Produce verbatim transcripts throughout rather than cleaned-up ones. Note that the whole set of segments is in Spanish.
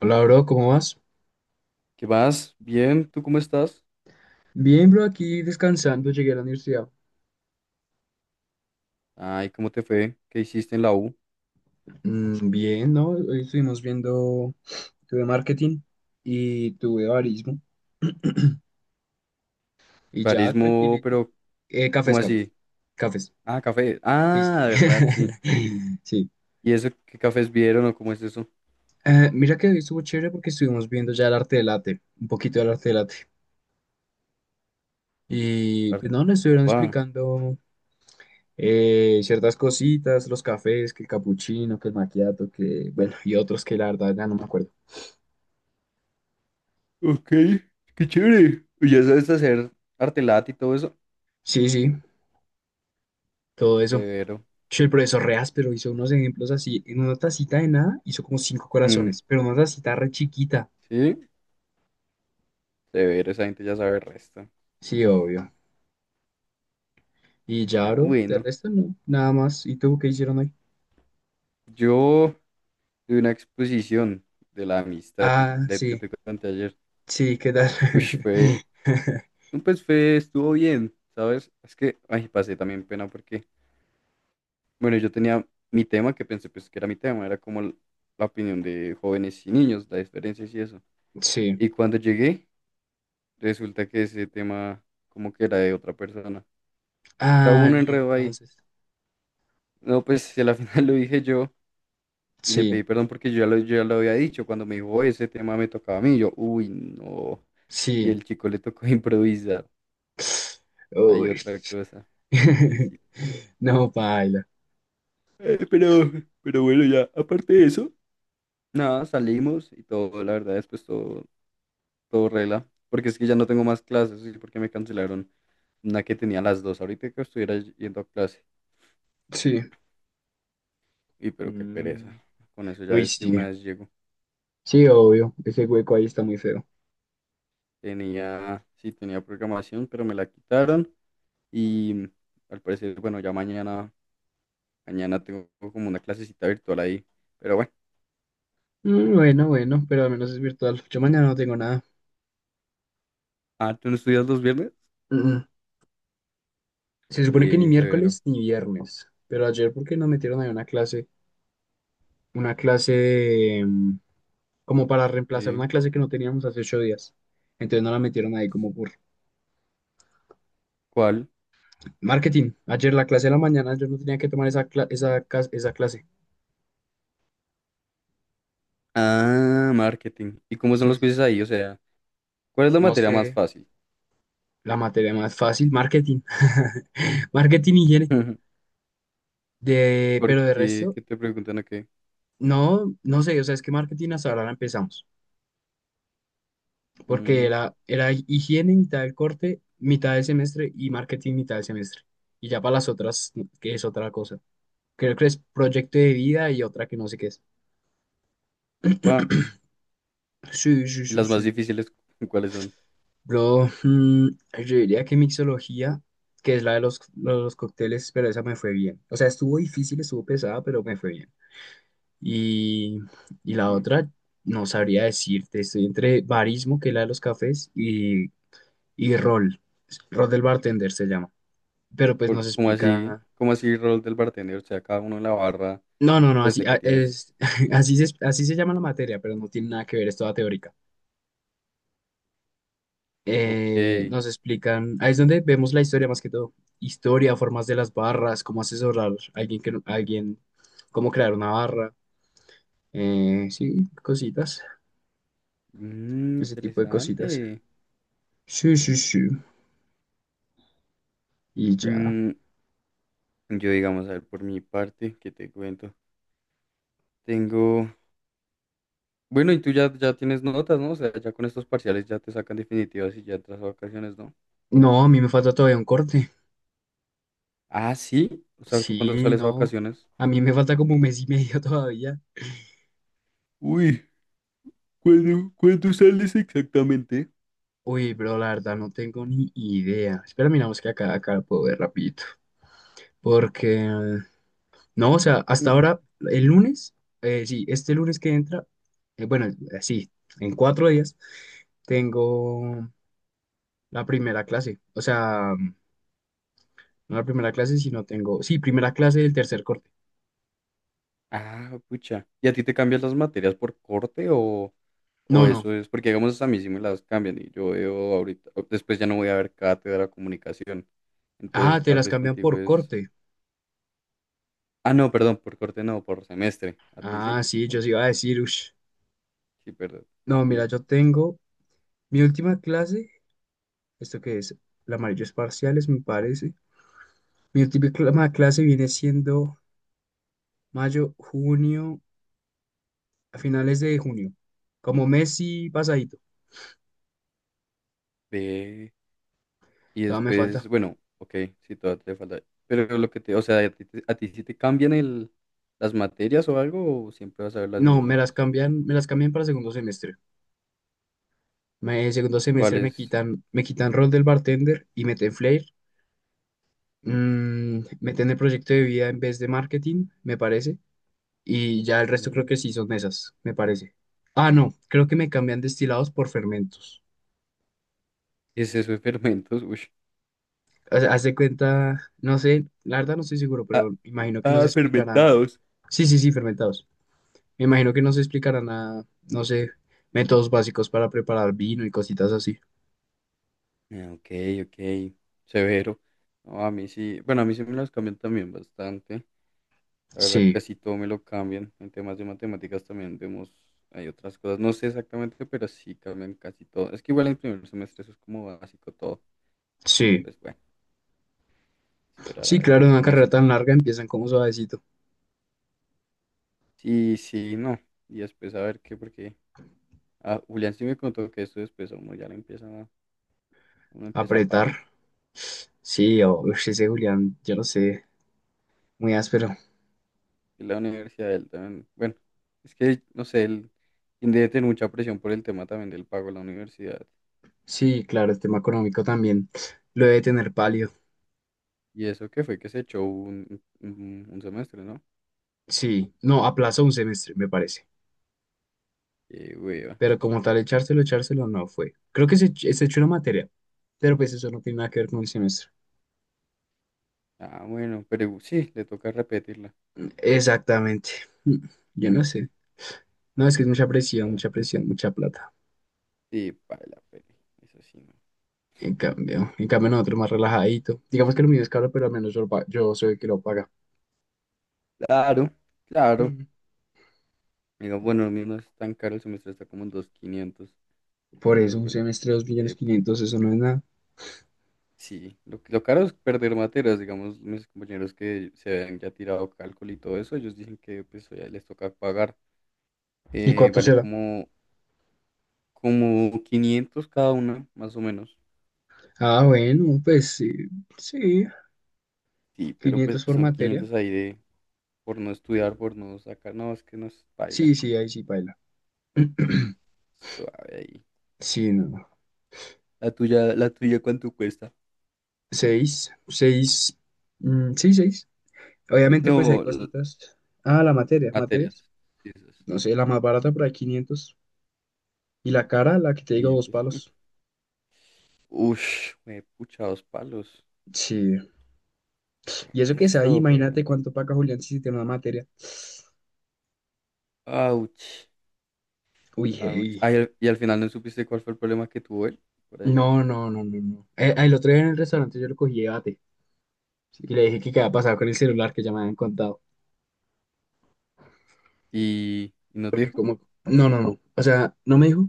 Hola, bro, ¿cómo vas? ¿Qué más? Bien, ¿tú cómo estás? Bien, bro, aquí descansando, llegué a la universidad. Ay, ¿cómo te fue? ¿Qué hiciste en la U? Mm, bien, ¿no? Hoy estuvimos viendo, tuve marketing y tuve barismo y ya, Barismo, tranquilito. pero Eh, ¿cómo cafés, cafés, así? cafés. Ah, café. Sí, Ah, sí, sí. verdad, sí. Sí. ¿Y eso qué cafés vieron o cómo es eso? Eh, mira que hoy estuvo chévere porque estuvimos viendo ya el arte del latte, un poquito del arte del latte. Y pues no, Art- nos estuvieron Upa. explicando eh, ciertas cositas, los cafés, que el capuchino, que el macchiato, que, bueno, y otros que la verdad ya no me acuerdo. Ok, qué chévere. ¿Y ya sabes hacer arte lat y todo eso? Sí, sí, todo eso. Severo. Che, el profesor re áspero hizo unos ejemplos así. En una tacita de nada hizo como cinco Ujú, corazones, pero una tacita re chiquita. sí, severo, esa gente ya sabe el resto. Sí, Uf, obvio. Y ya, ya, bro, de bueno. resto no, nada más. ¿Y tú qué hicieron hoy? Yo tuve una exposición de la amistad, te- Ah, le- yo sí, te conté ayer. sí, ¿qué tal? Uy, fue No, pues fue, estuvo bien, ¿sabes? Es que, ay, pasé también pena porque, bueno, yo tenía mi tema que pensé pues que era mi tema, era como l- la opinión de jóvenes y niños, las diferencias y eso. Sí. Y cuando llegué, resulta que ese tema como que era de otra persona. O sea, hubo Ah, un y enredo ahí. entonces. No, pues si a la final lo dije yo y le Sí, pedí perdón porque yo ya lo, yo ya lo había dicho. Cuando me dijo, "Oh, ese tema me tocaba a mí", yo, uy, no. Y sí. el chico le tocó improvisar. Hay Uy. otra cosa, pobrecito. No, paila. Eh, pero, pero bueno, ya, aparte de eso, nada, salimos y todo, la verdad, después todo, todo regla. Porque es que ya no tengo más clases y porque me cancelaron una que tenía a las dos. Ahorita que estuviera y- yendo a clase. Sí. Y pero qué pereza. Mm. Con eso ya Uy, des- de una sí. vez llego. Sí, obvio. Ese hueco ahí está muy feo. Tenía, sí, tenía programación, pero me la quitaron. Y al parecer, bueno, ya mañana, mañana tengo como una clasecita virtual ahí. Pero bueno. Mm, bueno, bueno, pero al menos es virtual. Yo mañana no tengo nada. Ah, ¿tú no estudias los viernes? Mm. Se supone que ni Bien, severo. miércoles ni viernes, pero ayer porque nos metieron ahí una clase, una clase de, mm, como para reemplazar Sí. una clase que no teníamos hace ocho días. Entonces nos la metieron ahí como por ¿Cuál? marketing. Ayer la clase de la mañana yo no tenía que tomar esa, cla- esa, cas- esa clase. Ah, marketing. ¿Y cómo son Sí, los sí, quizzes sí. ahí? O sea, ¿cuál es la No materia sé, más fácil? la materia más fácil, marketing. Marketing y higiene. De, pero de Porque, resto, ¿qué te preguntan a qué? no, no sé, o sea, es que marketing hasta ahora la empezamos. Porque Mm, era, era higiene mitad del corte, mitad del semestre y marketing mitad del semestre. Y ya para las otras, que es otra cosa. Creo que es proyecto de vida y otra que no sé qué es. upa. Sí, sí, ¿Y sí, las sí. más difíciles cuáles son? Bro, mm, yo diría que mixología, que es la de los, los cócteles, pero esa me fue bien. O sea, estuvo difícil, estuvo pesada, pero me fue bien. Y, y la Mm, otra, no sabría decirte, estoy entre barismo, que es la de los cafés, y, y rol. Rol del bartender se llama. Pero pues por- nos ¿Cómo así? explica. ¿Cómo así rol del bartender? O sea, cada uno en la barra, No, no, no, pues así, de a- que tienes. es, así, se, así se llama la materia, pero no tiene nada que ver, es toda teórica. Ok. Eh, nos explican, ahí es donde vemos la historia más que todo. Historia, formas de las barras, cómo asesorar a alguien que no- a alguien, cómo crear una barra. Eh, sí, cositas, Mm, ese tipo de cositas. interesante. Sí, sí, Vea, sí. pues. Y ya. Mm, yo digamos, a ver, por mi parte, ¿qué te cuento? Tengo. Bueno, y tú ya, ya tienes notas, ¿no? O sea, ya con estos parciales ya te sacan definitivas y ya entras a vacaciones, ¿no? No, a mí me falta todavía un corte. Ah, sí. O sea, ¿tú cuándo Sí, sales a no. vacaciones? A mí me falta como un mes y medio todavía. Uy, ¿cuándo, cuándo sales exactamente? Uy, bro, la verdad no tengo ni idea. Espera, miramos que acá, acá lo puedo ver rapidito. Porque, eh, no, o sea, hasta Mm. ahora, el lunes, eh, sí, este lunes que entra, eh, bueno, eh, sí, en cuatro días, tengo la primera clase. O sea, no la primera clase, sino tengo, sí, primera clase del tercer corte. Ah, pucha. ¿Y a ti te cambian las materias por corte o, o No, no. eso es? Porque digamos a mí sí me las cambian y yo veo ahorita, después ya no voy a ver cátedra de comunicación. Ah, Entonces te tal las vez cambian contigo por es... corte. Ah, no, perdón, por corte no, por semestre. A ti sí. Ah, sí, yo sí Bueno, iba a decir, ush. sí, perdón. No, Sí. mira, yo tengo mi última clase, esto que es, la amarillo es parciales, me parece. Mi última clase viene siendo mayo, junio, a finales de junio, como mes y pasadito. Ve. Y Todavía me falta. después, bueno, ok, sí, todavía te falta. Pero lo que te, o sea, ¿a ti, te- a ti sí te cambian el, las materias o algo o siempre vas a ver las No, me mismas? las cambian, me las cambian para segundo semestre. Me, segundo semestre me ¿Cuáles? quitan, me quitan rol del bartender y meten flair. Mm, meten el proyecto de vida en vez de marketing, me parece. Y ya el resto creo que Mm, sí son esas, me parece. Ah, no, creo que me cambian destilados por fermentos. ¿Qué es eso de fermentos? Uy. O sea, haz de cuenta, no sé, la verdad no estoy seguro, pero Ah, imagino que nos ah, explicarán. fermentados. Sí, sí, sí, fermentados. Me imagino que nos explicarán a, no sé, métodos básicos para preparar vino y cositas así. Ah, ok, ok, severo. No, a mí sí, bueno, a mí sí me las cambian también bastante. La verdad, Sí, casi todo me lo cambian. En temas de matemáticas también vemos, hay otras cosas, no sé exactamente, pero sí cambian casi todo. Es que igual en primer semestre eso es como básico todo. sí. Después, bueno. Esperar a Sí, ver claro, qué en una con carrera eso. tan larga empiezan como suavecito. Sí, sí, no. Y después a ver qué, porque ah, Julián sí me contó que esto después a uno ya lo empieza, a- uno empieza a parir. Apretar. Sí, o uf, ese Julián, yo no sé, muy áspero. Y la universidad de él también, bueno, es que, no sé, él él debe tener mucha presión por el tema también del pago de la universidad. Sí, claro, el tema económico también lo debe tener pálido. Y eso que fue que se echó un, un, un semestre, ¿no? Sí, no, aplazó un semestre, me parece. Qué hueva. Pero como tal, echárselo, echárselo no fue. Creo que se, ech- se echó una materia, pero pues eso no tiene nada que ver con el semestre. Ah, bueno, pero sí, le toca repetirla. Exactamente. Mm. Yo Mm, no sé. No, es que es mucha quién presión, sabe. mucha presión, mucha plata. Sí, para la pena. Eso sí, no. En cambio, en cambio nosotros más relajadito. Digamos que lo mío es caro, pero al menos yo, lo pa- yo soy el que lo paga. Claro, claro. Mm. Digo, bueno, a mí no es tan caro el semestre, está como en dos mil quinientos. Por eso Entonces, un bueno, ahí, semestre, dos millones eh, quinientos, eso no es nada. sí, lo, lo caro es perder materias. Digamos, mis compañeros que se habían ya tirado cálculo y todo eso, ellos dicen que pues ya les toca pagar. ¿Y Eh, cuánto vale será? como, como, quinientos cada una, más o menos. Ah, bueno, pues sí, sí, Sí, pero pues quinientos por son materia. quinientos ahí de por no estudiar, por no sacar. No, es que no es paila. Sí, sí, ahí sí baila. Suave ahí. Sí, no, no. La tuya, la tuya, ¿cuánto cuesta? Seis, seis, mm, sí, seis. Obviamente, pues hay No, l- cositas. Ah, la materia, materias. materias. Sí, esas. No sé, la más barata por ahí quinientos. Y la cara, la que te digo, dos quinientos palos. Ush, me pucha dos palos. Sí. Y eso que es ahí, Resto, pero. imagínate cuánto paga Julián si tiene una materia. Ouch, Uy, ouch. hey. Ah, y al, y al final no supiste cuál fue el problema que tuvo él por ahí. No, no, no, no, no. Eh, el, otro día en el restaurante yo lo cogí de bate. Y le dije que qué había pasado con el celular que ya me habían contado. Y, y no te Porque dijo. como... No, no, no. O sea, no me dijo,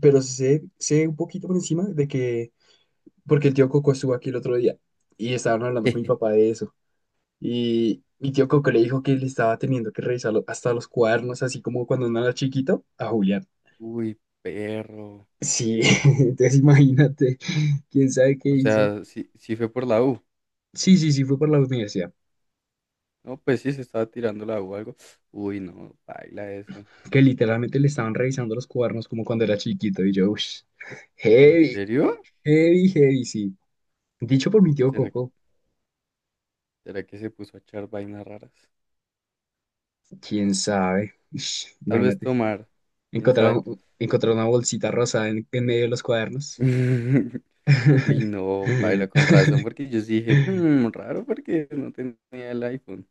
pero sé, sé un poquito por encima de que... Porque el tío Coco estuvo aquí el otro día y estaban hablando con mi papá de eso. Y mi tío Coco le dijo que le estaba teniendo que revisar lo- hasta los cuadernos, así como cuando uno era chiquito, a Julián. Uy, perro. Sí, entonces imagínate, quién sabe qué O hizo. sea, sí, sí fue por la U. Sí, sí, sí, fue por la universidad, No, pues sí, se estaba tirando la U o algo. Uy, no, baila eso. que literalmente le estaban revisando los cuadernos como cuando era chiquito y yo, uff, ¿En heavy, serio? heavy, heavy, sí. Dicho por mi tío ¿Será, Coco, será que se puso a echar vainas raras? quién sabe. Ush, Tal vez imagínate, tomar. ¿Quién encontrar, sabe? un- encontrar una bolsita rosada en, en medio de los cuadernos. Uy, no, paila, con razón, porque yo sí dije, "Hmm, raro porque no tenía el iPhone".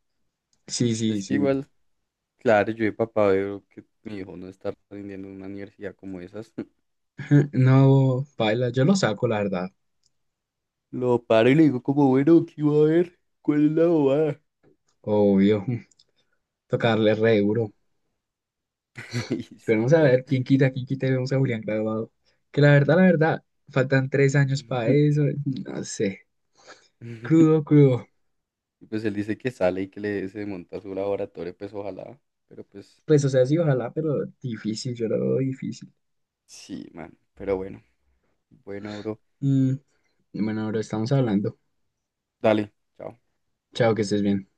Sí, sí, Es que sí. igual, claro, yo de papá veo que mi hijo no está aprendiendo en una universidad como esas. No, baila, yo lo saco, la verdad, Lo paro y le digo como, bueno, ¿qué iba a ver? ¿Cuál es la bobada? obvio, tocarle re duro. Y Esperemos sí, a das. ver quién quita, quién quita y vemos a Julián graduado. Que la verdad, la verdad, faltan tres años para eso. No sé. Crudo, crudo. Y pues él dice que sale y que le se monta su laboratorio, pues ojalá. Pero pues, Pues, o sea, sí, ojalá, pero difícil, yo lo veo difícil. sí, man. Pero bueno, bueno, bro. Mm, bueno, ahora estamos hablando. Dale, chao. Chao, que estés bien.